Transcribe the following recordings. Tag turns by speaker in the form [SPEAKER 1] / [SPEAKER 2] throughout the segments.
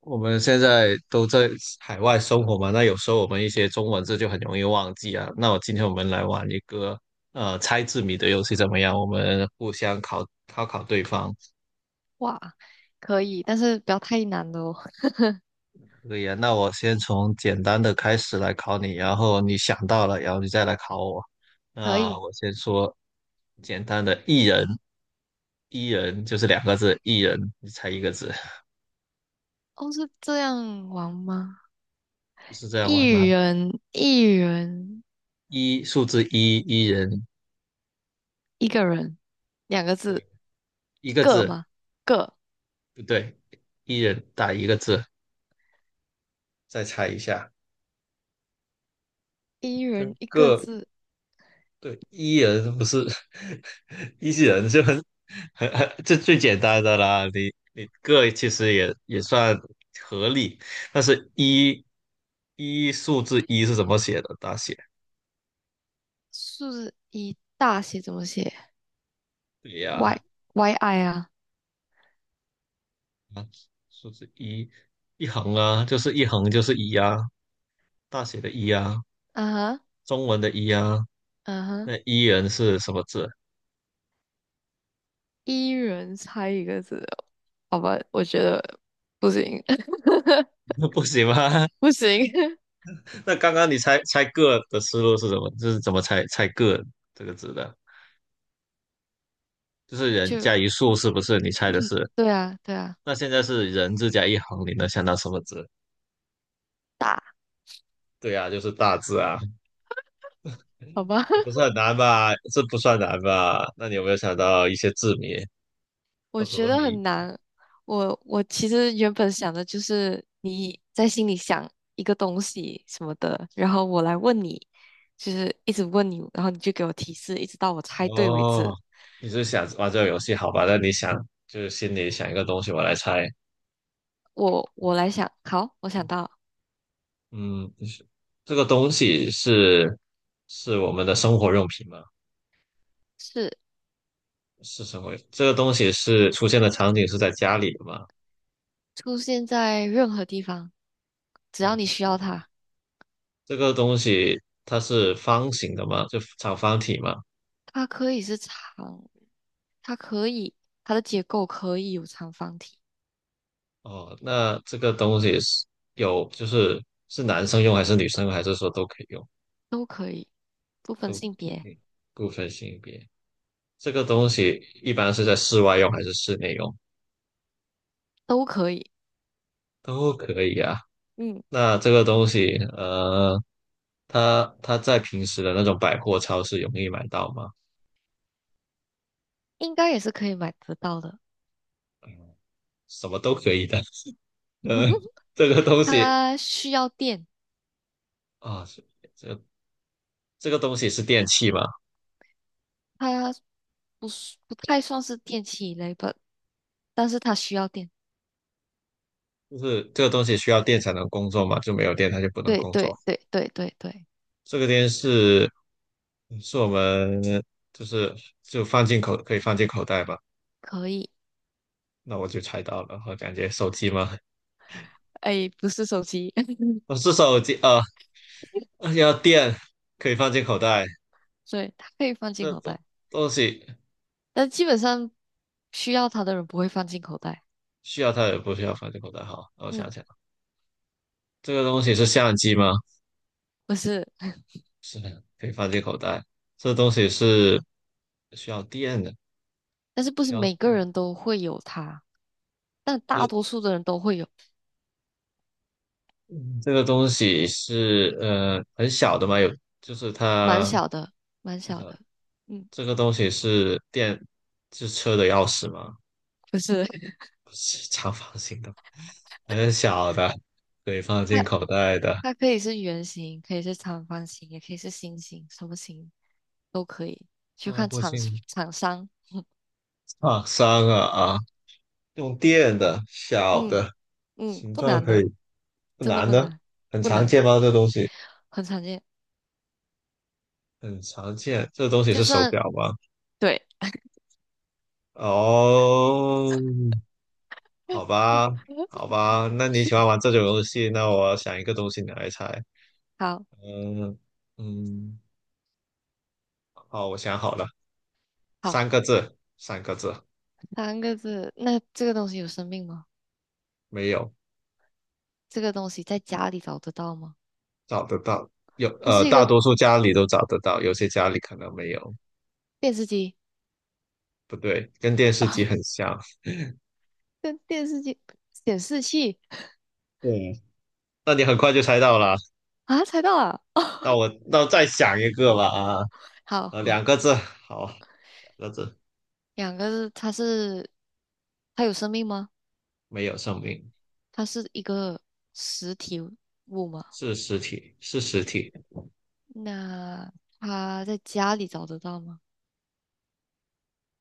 [SPEAKER 1] 我们现在都在海外生活嘛，那有时候我们一些中文字就很容易忘记啊。那我今天我们来玩一个猜字谜的游戏怎么样？我们互相考考对方，
[SPEAKER 2] 哇，可以，但是不要太难了哦。
[SPEAKER 1] 可以啊。那我先从简单的开始来考你，然后你想到了，然后你再来考我。
[SPEAKER 2] 可
[SPEAKER 1] 那
[SPEAKER 2] 以，
[SPEAKER 1] 我先说简单的，一人，一人就是两个字，一人，你猜一个字，
[SPEAKER 2] 哦，是这样玩吗？
[SPEAKER 1] 就是这样玩
[SPEAKER 2] 一
[SPEAKER 1] 吗？
[SPEAKER 2] 人，一人，
[SPEAKER 1] 一，数字一，一人，
[SPEAKER 2] 一个人，两个字，
[SPEAKER 1] 对，一个
[SPEAKER 2] 个
[SPEAKER 1] 字，
[SPEAKER 2] 吗？个，
[SPEAKER 1] 不对，一人打一个字。再猜一下，
[SPEAKER 2] 一人
[SPEAKER 1] 跟
[SPEAKER 2] 一个
[SPEAKER 1] 个
[SPEAKER 2] 字，
[SPEAKER 1] 对 E 人不是 E 人就很这最简单的啦，你个其实也算合理，但是一数字一是怎么写的？大写
[SPEAKER 2] 数字一大写怎么写
[SPEAKER 1] 对
[SPEAKER 2] ？Y
[SPEAKER 1] 呀、
[SPEAKER 2] Y I 啊，
[SPEAKER 1] 啊，数字一一横啊，就是一横就是一啊，大写的一啊，
[SPEAKER 2] 啊哈，
[SPEAKER 1] 中文的一啊，
[SPEAKER 2] 啊哈，
[SPEAKER 1] 那一人是什么字？
[SPEAKER 2] 一人猜一个字，好吧，我觉得不行，
[SPEAKER 1] 不行吗？
[SPEAKER 2] 不行，
[SPEAKER 1] 那刚刚你猜猜个的思路是什么？就是怎么猜猜个这个字的？就是 人
[SPEAKER 2] 就
[SPEAKER 1] 加一竖，是不是？你猜的是？
[SPEAKER 2] 对啊，对啊，
[SPEAKER 1] 那现在是人字加一横，你能想到什么字？
[SPEAKER 2] 大，
[SPEAKER 1] 对啊，就是大字啊，
[SPEAKER 2] 好吧。
[SPEAKER 1] 也不是 很难吧？这不算难吧？那你有没有想到一些字谜
[SPEAKER 2] 我
[SPEAKER 1] 或者
[SPEAKER 2] 觉
[SPEAKER 1] 说
[SPEAKER 2] 得
[SPEAKER 1] 谜？
[SPEAKER 2] 很难。我其实原本想的就是你在心里想一个东西什么的，然后我来问你，就是一直问你，然后你就给我提示，一直到我猜对为
[SPEAKER 1] 哦，
[SPEAKER 2] 止。
[SPEAKER 1] 你是想玩这个游戏好吧？那你想就是心里想一个东西，我来猜。
[SPEAKER 2] 我来想，好，我想到
[SPEAKER 1] 嗯，这个东西是我们的生活用品吗？
[SPEAKER 2] 是
[SPEAKER 1] 是什么？这个东西是出现的场景是在家里的吗？
[SPEAKER 2] 出现在任何地方，只
[SPEAKER 1] 任
[SPEAKER 2] 要你
[SPEAKER 1] 何
[SPEAKER 2] 需
[SPEAKER 1] 地
[SPEAKER 2] 要
[SPEAKER 1] 方。
[SPEAKER 2] 它，
[SPEAKER 1] 这个东西它是方形的吗？就长方体吗？
[SPEAKER 2] 它可以是长，它可以它的结构可以有长方体，
[SPEAKER 1] 哦，那这个东西是有，就是是男生用还是女生用，还是说都可以用，
[SPEAKER 2] 都可以，不分
[SPEAKER 1] 都
[SPEAKER 2] 性别
[SPEAKER 1] 不分性别？这个东西一般是在室外用还是室内用？
[SPEAKER 2] 都可以，
[SPEAKER 1] 都可以啊。
[SPEAKER 2] 嗯，
[SPEAKER 1] 那这个东西，它在平时的那种百货超市容易买到吗？
[SPEAKER 2] 应该也是可以买得到的。
[SPEAKER 1] 什么都可以的，呃。这个东西
[SPEAKER 2] 它需要电，
[SPEAKER 1] 啊，这这个东西是电器嘛，
[SPEAKER 2] 它不是不太算是电器类吧，但是它需要电。
[SPEAKER 1] 就是这个东西需要电才能工作嘛，就没有电它就不能
[SPEAKER 2] 对
[SPEAKER 1] 工
[SPEAKER 2] 对
[SPEAKER 1] 作。
[SPEAKER 2] 对对对对，
[SPEAKER 1] 这个电视是我们就是就放进口可以放进口袋吧？
[SPEAKER 2] 可以。
[SPEAKER 1] 那我就猜到了，我感觉手机吗？
[SPEAKER 2] 哎，不是手机，
[SPEAKER 1] 哦是手机啊，要电可以放进口袋，
[SPEAKER 2] 对，它可以放进
[SPEAKER 1] 这
[SPEAKER 2] 口
[SPEAKER 1] 东
[SPEAKER 2] 袋，
[SPEAKER 1] 东西
[SPEAKER 2] 但基本上需要它的人不会放进口袋。
[SPEAKER 1] 需要它也不需要放进口袋。好，那我想
[SPEAKER 2] 嗯，
[SPEAKER 1] 想，这个东西是相机吗？
[SPEAKER 2] 不是，
[SPEAKER 1] 是的，可以放进口袋。这东西是需要电的，
[SPEAKER 2] 但是不
[SPEAKER 1] 需
[SPEAKER 2] 是
[SPEAKER 1] 要
[SPEAKER 2] 每个
[SPEAKER 1] 电。
[SPEAKER 2] 人都会有它，但大
[SPEAKER 1] 这
[SPEAKER 2] 多数的人都会有，
[SPEAKER 1] 嗯这个东西是很小的嘛，有就是
[SPEAKER 2] 蛮
[SPEAKER 1] 它
[SPEAKER 2] 小的，蛮
[SPEAKER 1] 很
[SPEAKER 2] 小
[SPEAKER 1] 小。
[SPEAKER 2] 的。嗯，
[SPEAKER 1] 这个东西是车的钥匙吗？
[SPEAKER 2] 不是，
[SPEAKER 1] 不是长方形的，很小的，可以放
[SPEAKER 2] 它
[SPEAKER 1] 进口袋的，
[SPEAKER 2] 它可以是圆形，可以是长方形，也可以是心形，什么形都可以，就
[SPEAKER 1] 做
[SPEAKER 2] 看
[SPEAKER 1] 不
[SPEAKER 2] 厂
[SPEAKER 1] 进
[SPEAKER 2] 厂商。
[SPEAKER 1] 放伤啊啊！用电的小
[SPEAKER 2] 嗯
[SPEAKER 1] 的，
[SPEAKER 2] 嗯，
[SPEAKER 1] 形
[SPEAKER 2] 不
[SPEAKER 1] 状
[SPEAKER 2] 难
[SPEAKER 1] 可
[SPEAKER 2] 的，
[SPEAKER 1] 以不
[SPEAKER 2] 真的
[SPEAKER 1] 难
[SPEAKER 2] 不
[SPEAKER 1] 的，
[SPEAKER 2] 难，
[SPEAKER 1] 很
[SPEAKER 2] 不
[SPEAKER 1] 常
[SPEAKER 2] 难，
[SPEAKER 1] 见吗？这东西
[SPEAKER 2] 很常见。
[SPEAKER 1] 很常见，这东西
[SPEAKER 2] 就
[SPEAKER 1] 是手
[SPEAKER 2] 算
[SPEAKER 1] 表吗？
[SPEAKER 2] 对，
[SPEAKER 1] 哦，好吧，好 吧，那你喜欢玩这种游戏，那我想一个东西你来猜。
[SPEAKER 2] 好
[SPEAKER 1] 嗯嗯，好，我想好了，
[SPEAKER 2] 好，
[SPEAKER 1] 三个字，三个字，
[SPEAKER 2] 三个字。那这个东西有生命吗？
[SPEAKER 1] 没有，
[SPEAKER 2] 这个东西在家里找得到吗？
[SPEAKER 1] 找得到，有，
[SPEAKER 2] 它是一
[SPEAKER 1] 大
[SPEAKER 2] 个
[SPEAKER 1] 多数家里都找得到，有些家里可能没有。
[SPEAKER 2] 电视机，
[SPEAKER 1] 不对，跟电视机很像。
[SPEAKER 2] 电视机显示器
[SPEAKER 1] 嗯，那你很快就猜到了。
[SPEAKER 2] 啊，猜到了。
[SPEAKER 1] 那我再想一个吧啊，两
[SPEAKER 2] 好，
[SPEAKER 1] 个字，好，两个字，
[SPEAKER 2] 两个字，它有生命吗？
[SPEAKER 1] 没有生命，
[SPEAKER 2] 它是一个实体物吗？
[SPEAKER 1] 是实体，是实体。
[SPEAKER 2] 那他在家里找得到吗？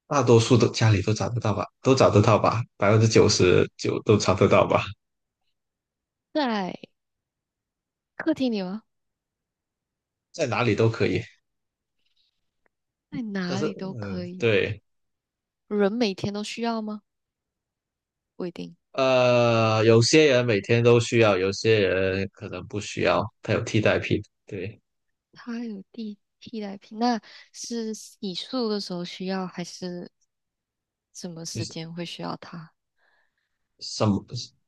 [SPEAKER 1] 大多数都家里都找得到吧，都找得到吧，99%都找得到吧，
[SPEAKER 2] 在客厅里吗？
[SPEAKER 1] 在哪里都可以。
[SPEAKER 2] 在
[SPEAKER 1] 但
[SPEAKER 2] 哪
[SPEAKER 1] 是，
[SPEAKER 2] 里都可
[SPEAKER 1] 嗯，
[SPEAKER 2] 以。
[SPEAKER 1] 对，
[SPEAKER 2] 人每天都需要吗？不一定。
[SPEAKER 1] 有些人每天都需要，有些人可能不需要，他有替代品。对，
[SPEAKER 2] 他有替代品，那是洗漱的时候需要，还是什么
[SPEAKER 1] 就
[SPEAKER 2] 时
[SPEAKER 1] 是
[SPEAKER 2] 间会需要它？
[SPEAKER 1] 什么，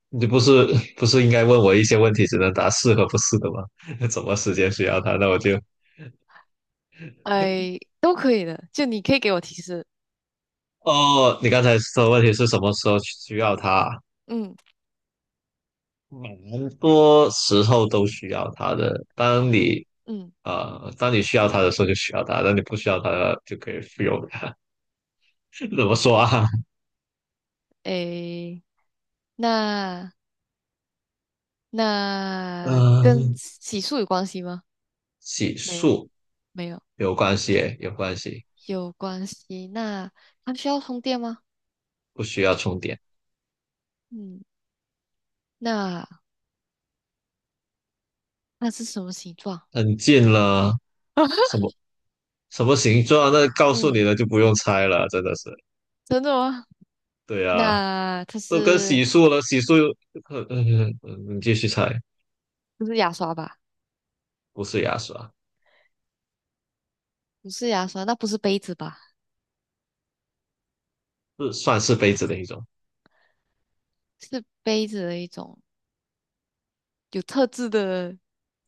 [SPEAKER 1] 你不是不是应该问我一些问题，只能答是和不是的吗？什么时间需要它？那我就，
[SPEAKER 2] 哎，都可以的，就你可以给我提示。
[SPEAKER 1] 哦，你刚才说的问题是什么时候需要它？
[SPEAKER 2] 嗯，
[SPEAKER 1] 蛮多时候都需要它的。当
[SPEAKER 2] 很，
[SPEAKER 1] 你
[SPEAKER 2] 嗯，
[SPEAKER 1] 当你需要它的时候就需要它，当你不需要它就可以不用它。怎么说啊？
[SPEAKER 2] 哎，那那跟
[SPEAKER 1] 嗯、
[SPEAKER 2] 洗漱有关系吗？
[SPEAKER 1] 洗
[SPEAKER 2] 没有，
[SPEAKER 1] 漱
[SPEAKER 2] 没有，
[SPEAKER 1] 有关系，有关系，
[SPEAKER 2] 有关系。那它需要充电吗？
[SPEAKER 1] 不需要充电。
[SPEAKER 2] 嗯，那那是什么形状？
[SPEAKER 1] 很近了，什 么什么形状啊？那告诉你
[SPEAKER 2] 嗯，
[SPEAKER 1] 了就不用猜了，真的是。
[SPEAKER 2] 真的吗？
[SPEAKER 1] 对啊，
[SPEAKER 2] 那它
[SPEAKER 1] 都跟
[SPEAKER 2] 是
[SPEAKER 1] 洗漱了，洗漱又，你继续猜，
[SPEAKER 2] 不是牙刷吧？
[SPEAKER 1] 不是牙刷，
[SPEAKER 2] 不是牙刷，那不是杯子吧？
[SPEAKER 1] 是算是杯子的一种。
[SPEAKER 2] 是杯子的一种有特制的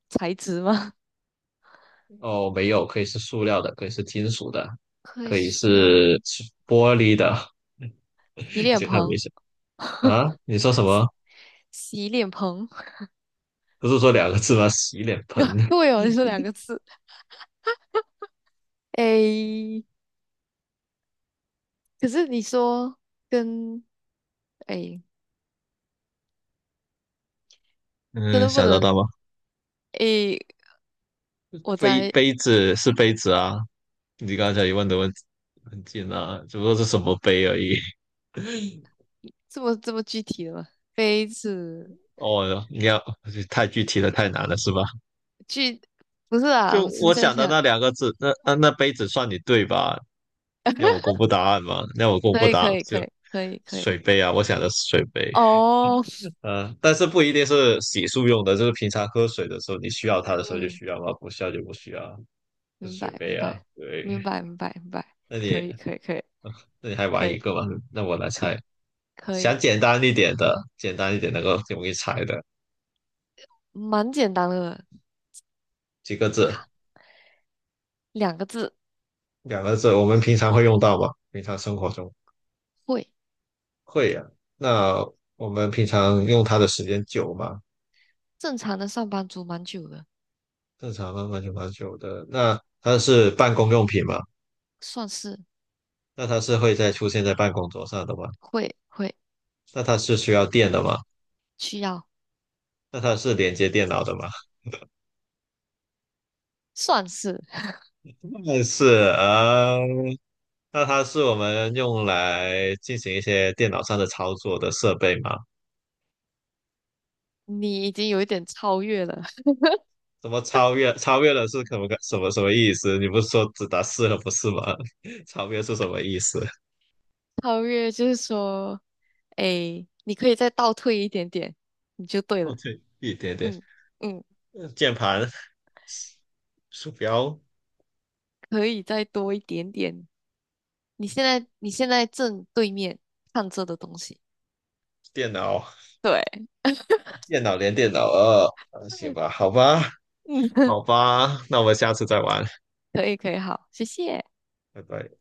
[SPEAKER 2] 材质吗？
[SPEAKER 1] 哦，没有，可以是塑料的，可以是金属的，
[SPEAKER 2] 可以
[SPEAKER 1] 可
[SPEAKER 2] 是
[SPEAKER 1] 以
[SPEAKER 2] 塑料
[SPEAKER 1] 是玻璃的。
[SPEAKER 2] 洗
[SPEAKER 1] 你
[SPEAKER 2] 脸
[SPEAKER 1] 先看没
[SPEAKER 2] 盆，
[SPEAKER 1] 事啊，你说什
[SPEAKER 2] 洗
[SPEAKER 1] 么？
[SPEAKER 2] 洗脸盆。
[SPEAKER 1] 不是说两个字吗？洗脸盆。
[SPEAKER 2] 对哦，你说两个字。诶，可是你说跟诶，真
[SPEAKER 1] 嗯，
[SPEAKER 2] 的不
[SPEAKER 1] 想得到
[SPEAKER 2] 能
[SPEAKER 1] 吗？
[SPEAKER 2] 诶，我
[SPEAKER 1] 杯
[SPEAKER 2] 在
[SPEAKER 1] 杯子是杯子啊，你刚才一问的问题很近啊，只不过是什么杯而已。
[SPEAKER 2] 这么具体了吗？杯子
[SPEAKER 1] 哦，你要太具体了，太难了，是吧？
[SPEAKER 2] 去不是啊，
[SPEAKER 1] 就
[SPEAKER 2] 我只是
[SPEAKER 1] 我
[SPEAKER 2] 在
[SPEAKER 1] 想的
[SPEAKER 2] 想，
[SPEAKER 1] 那两个字，那杯子算你对吧？要我公布答案吗？要我公
[SPEAKER 2] 可
[SPEAKER 1] 布
[SPEAKER 2] 以
[SPEAKER 1] 答案
[SPEAKER 2] 可以可
[SPEAKER 1] 就
[SPEAKER 2] 以可以可以
[SPEAKER 1] 水杯啊，我想的是水杯。
[SPEAKER 2] 哦，
[SPEAKER 1] 但是不一定是洗漱用的，就是平常喝水的时候，你需要它的时候就
[SPEAKER 2] 嗯，
[SPEAKER 1] 需要嘛，不需要就不需要。
[SPEAKER 2] 明
[SPEAKER 1] 水
[SPEAKER 2] 白明
[SPEAKER 1] 杯啊，
[SPEAKER 2] 白
[SPEAKER 1] 对。
[SPEAKER 2] 明白明白明白，
[SPEAKER 1] 那
[SPEAKER 2] 可
[SPEAKER 1] 你
[SPEAKER 2] 以可以可以
[SPEAKER 1] 那你还玩
[SPEAKER 2] 可
[SPEAKER 1] 一
[SPEAKER 2] 以
[SPEAKER 1] 个吗？那我来
[SPEAKER 2] 可
[SPEAKER 1] 猜，
[SPEAKER 2] 可
[SPEAKER 1] 想
[SPEAKER 2] 以，
[SPEAKER 1] 简单一点的，简单一点能够容易猜的，
[SPEAKER 2] 蛮简单的，
[SPEAKER 1] 几个
[SPEAKER 2] 哈
[SPEAKER 1] 字，
[SPEAKER 2] 两个字
[SPEAKER 1] 两个字，我们平常会用到吗？平常生活中
[SPEAKER 2] 会，
[SPEAKER 1] 会呀、那我们平常用它的时间久吗？
[SPEAKER 2] 正常的上班族蛮久了，
[SPEAKER 1] 正常慢慢久蛮久的。那它是办公用品吗？
[SPEAKER 2] 算是
[SPEAKER 1] 那它是会在出现在办公桌上的吗？
[SPEAKER 2] 会
[SPEAKER 1] 那它是需要电的吗？
[SPEAKER 2] 需要，
[SPEAKER 1] 那它是连接电脑的吗？
[SPEAKER 2] 算是
[SPEAKER 1] 那是啊，那它是我们用来进行一些电脑上的操作的设备吗？
[SPEAKER 2] 你已经有一点超越了，
[SPEAKER 1] 怎么超越了是可不可什么意思？你不是说只打四了不是吗？超越是什么意思？
[SPEAKER 2] 超越就是说，哎，你可以再倒退一点点，你就对
[SPEAKER 1] 哦，
[SPEAKER 2] 了，
[SPEAKER 1] 对，一点点，
[SPEAKER 2] 嗯嗯，
[SPEAKER 1] 键盘、鼠标、
[SPEAKER 2] 可以再多一点点。你现在正对面看这的东西。
[SPEAKER 1] 电脑、
[SPEAKER 2] 对，
[SPEAKER 1] 电脑连电脑二，行吧，好吧，
[SPEAKER 2] 嗯，
[SPEAKER 1] 好吧，那我们下次再玩，
[SPEAKER 2] 可以可以，好，谢谢。
[SPEAKER 1] 拜拜。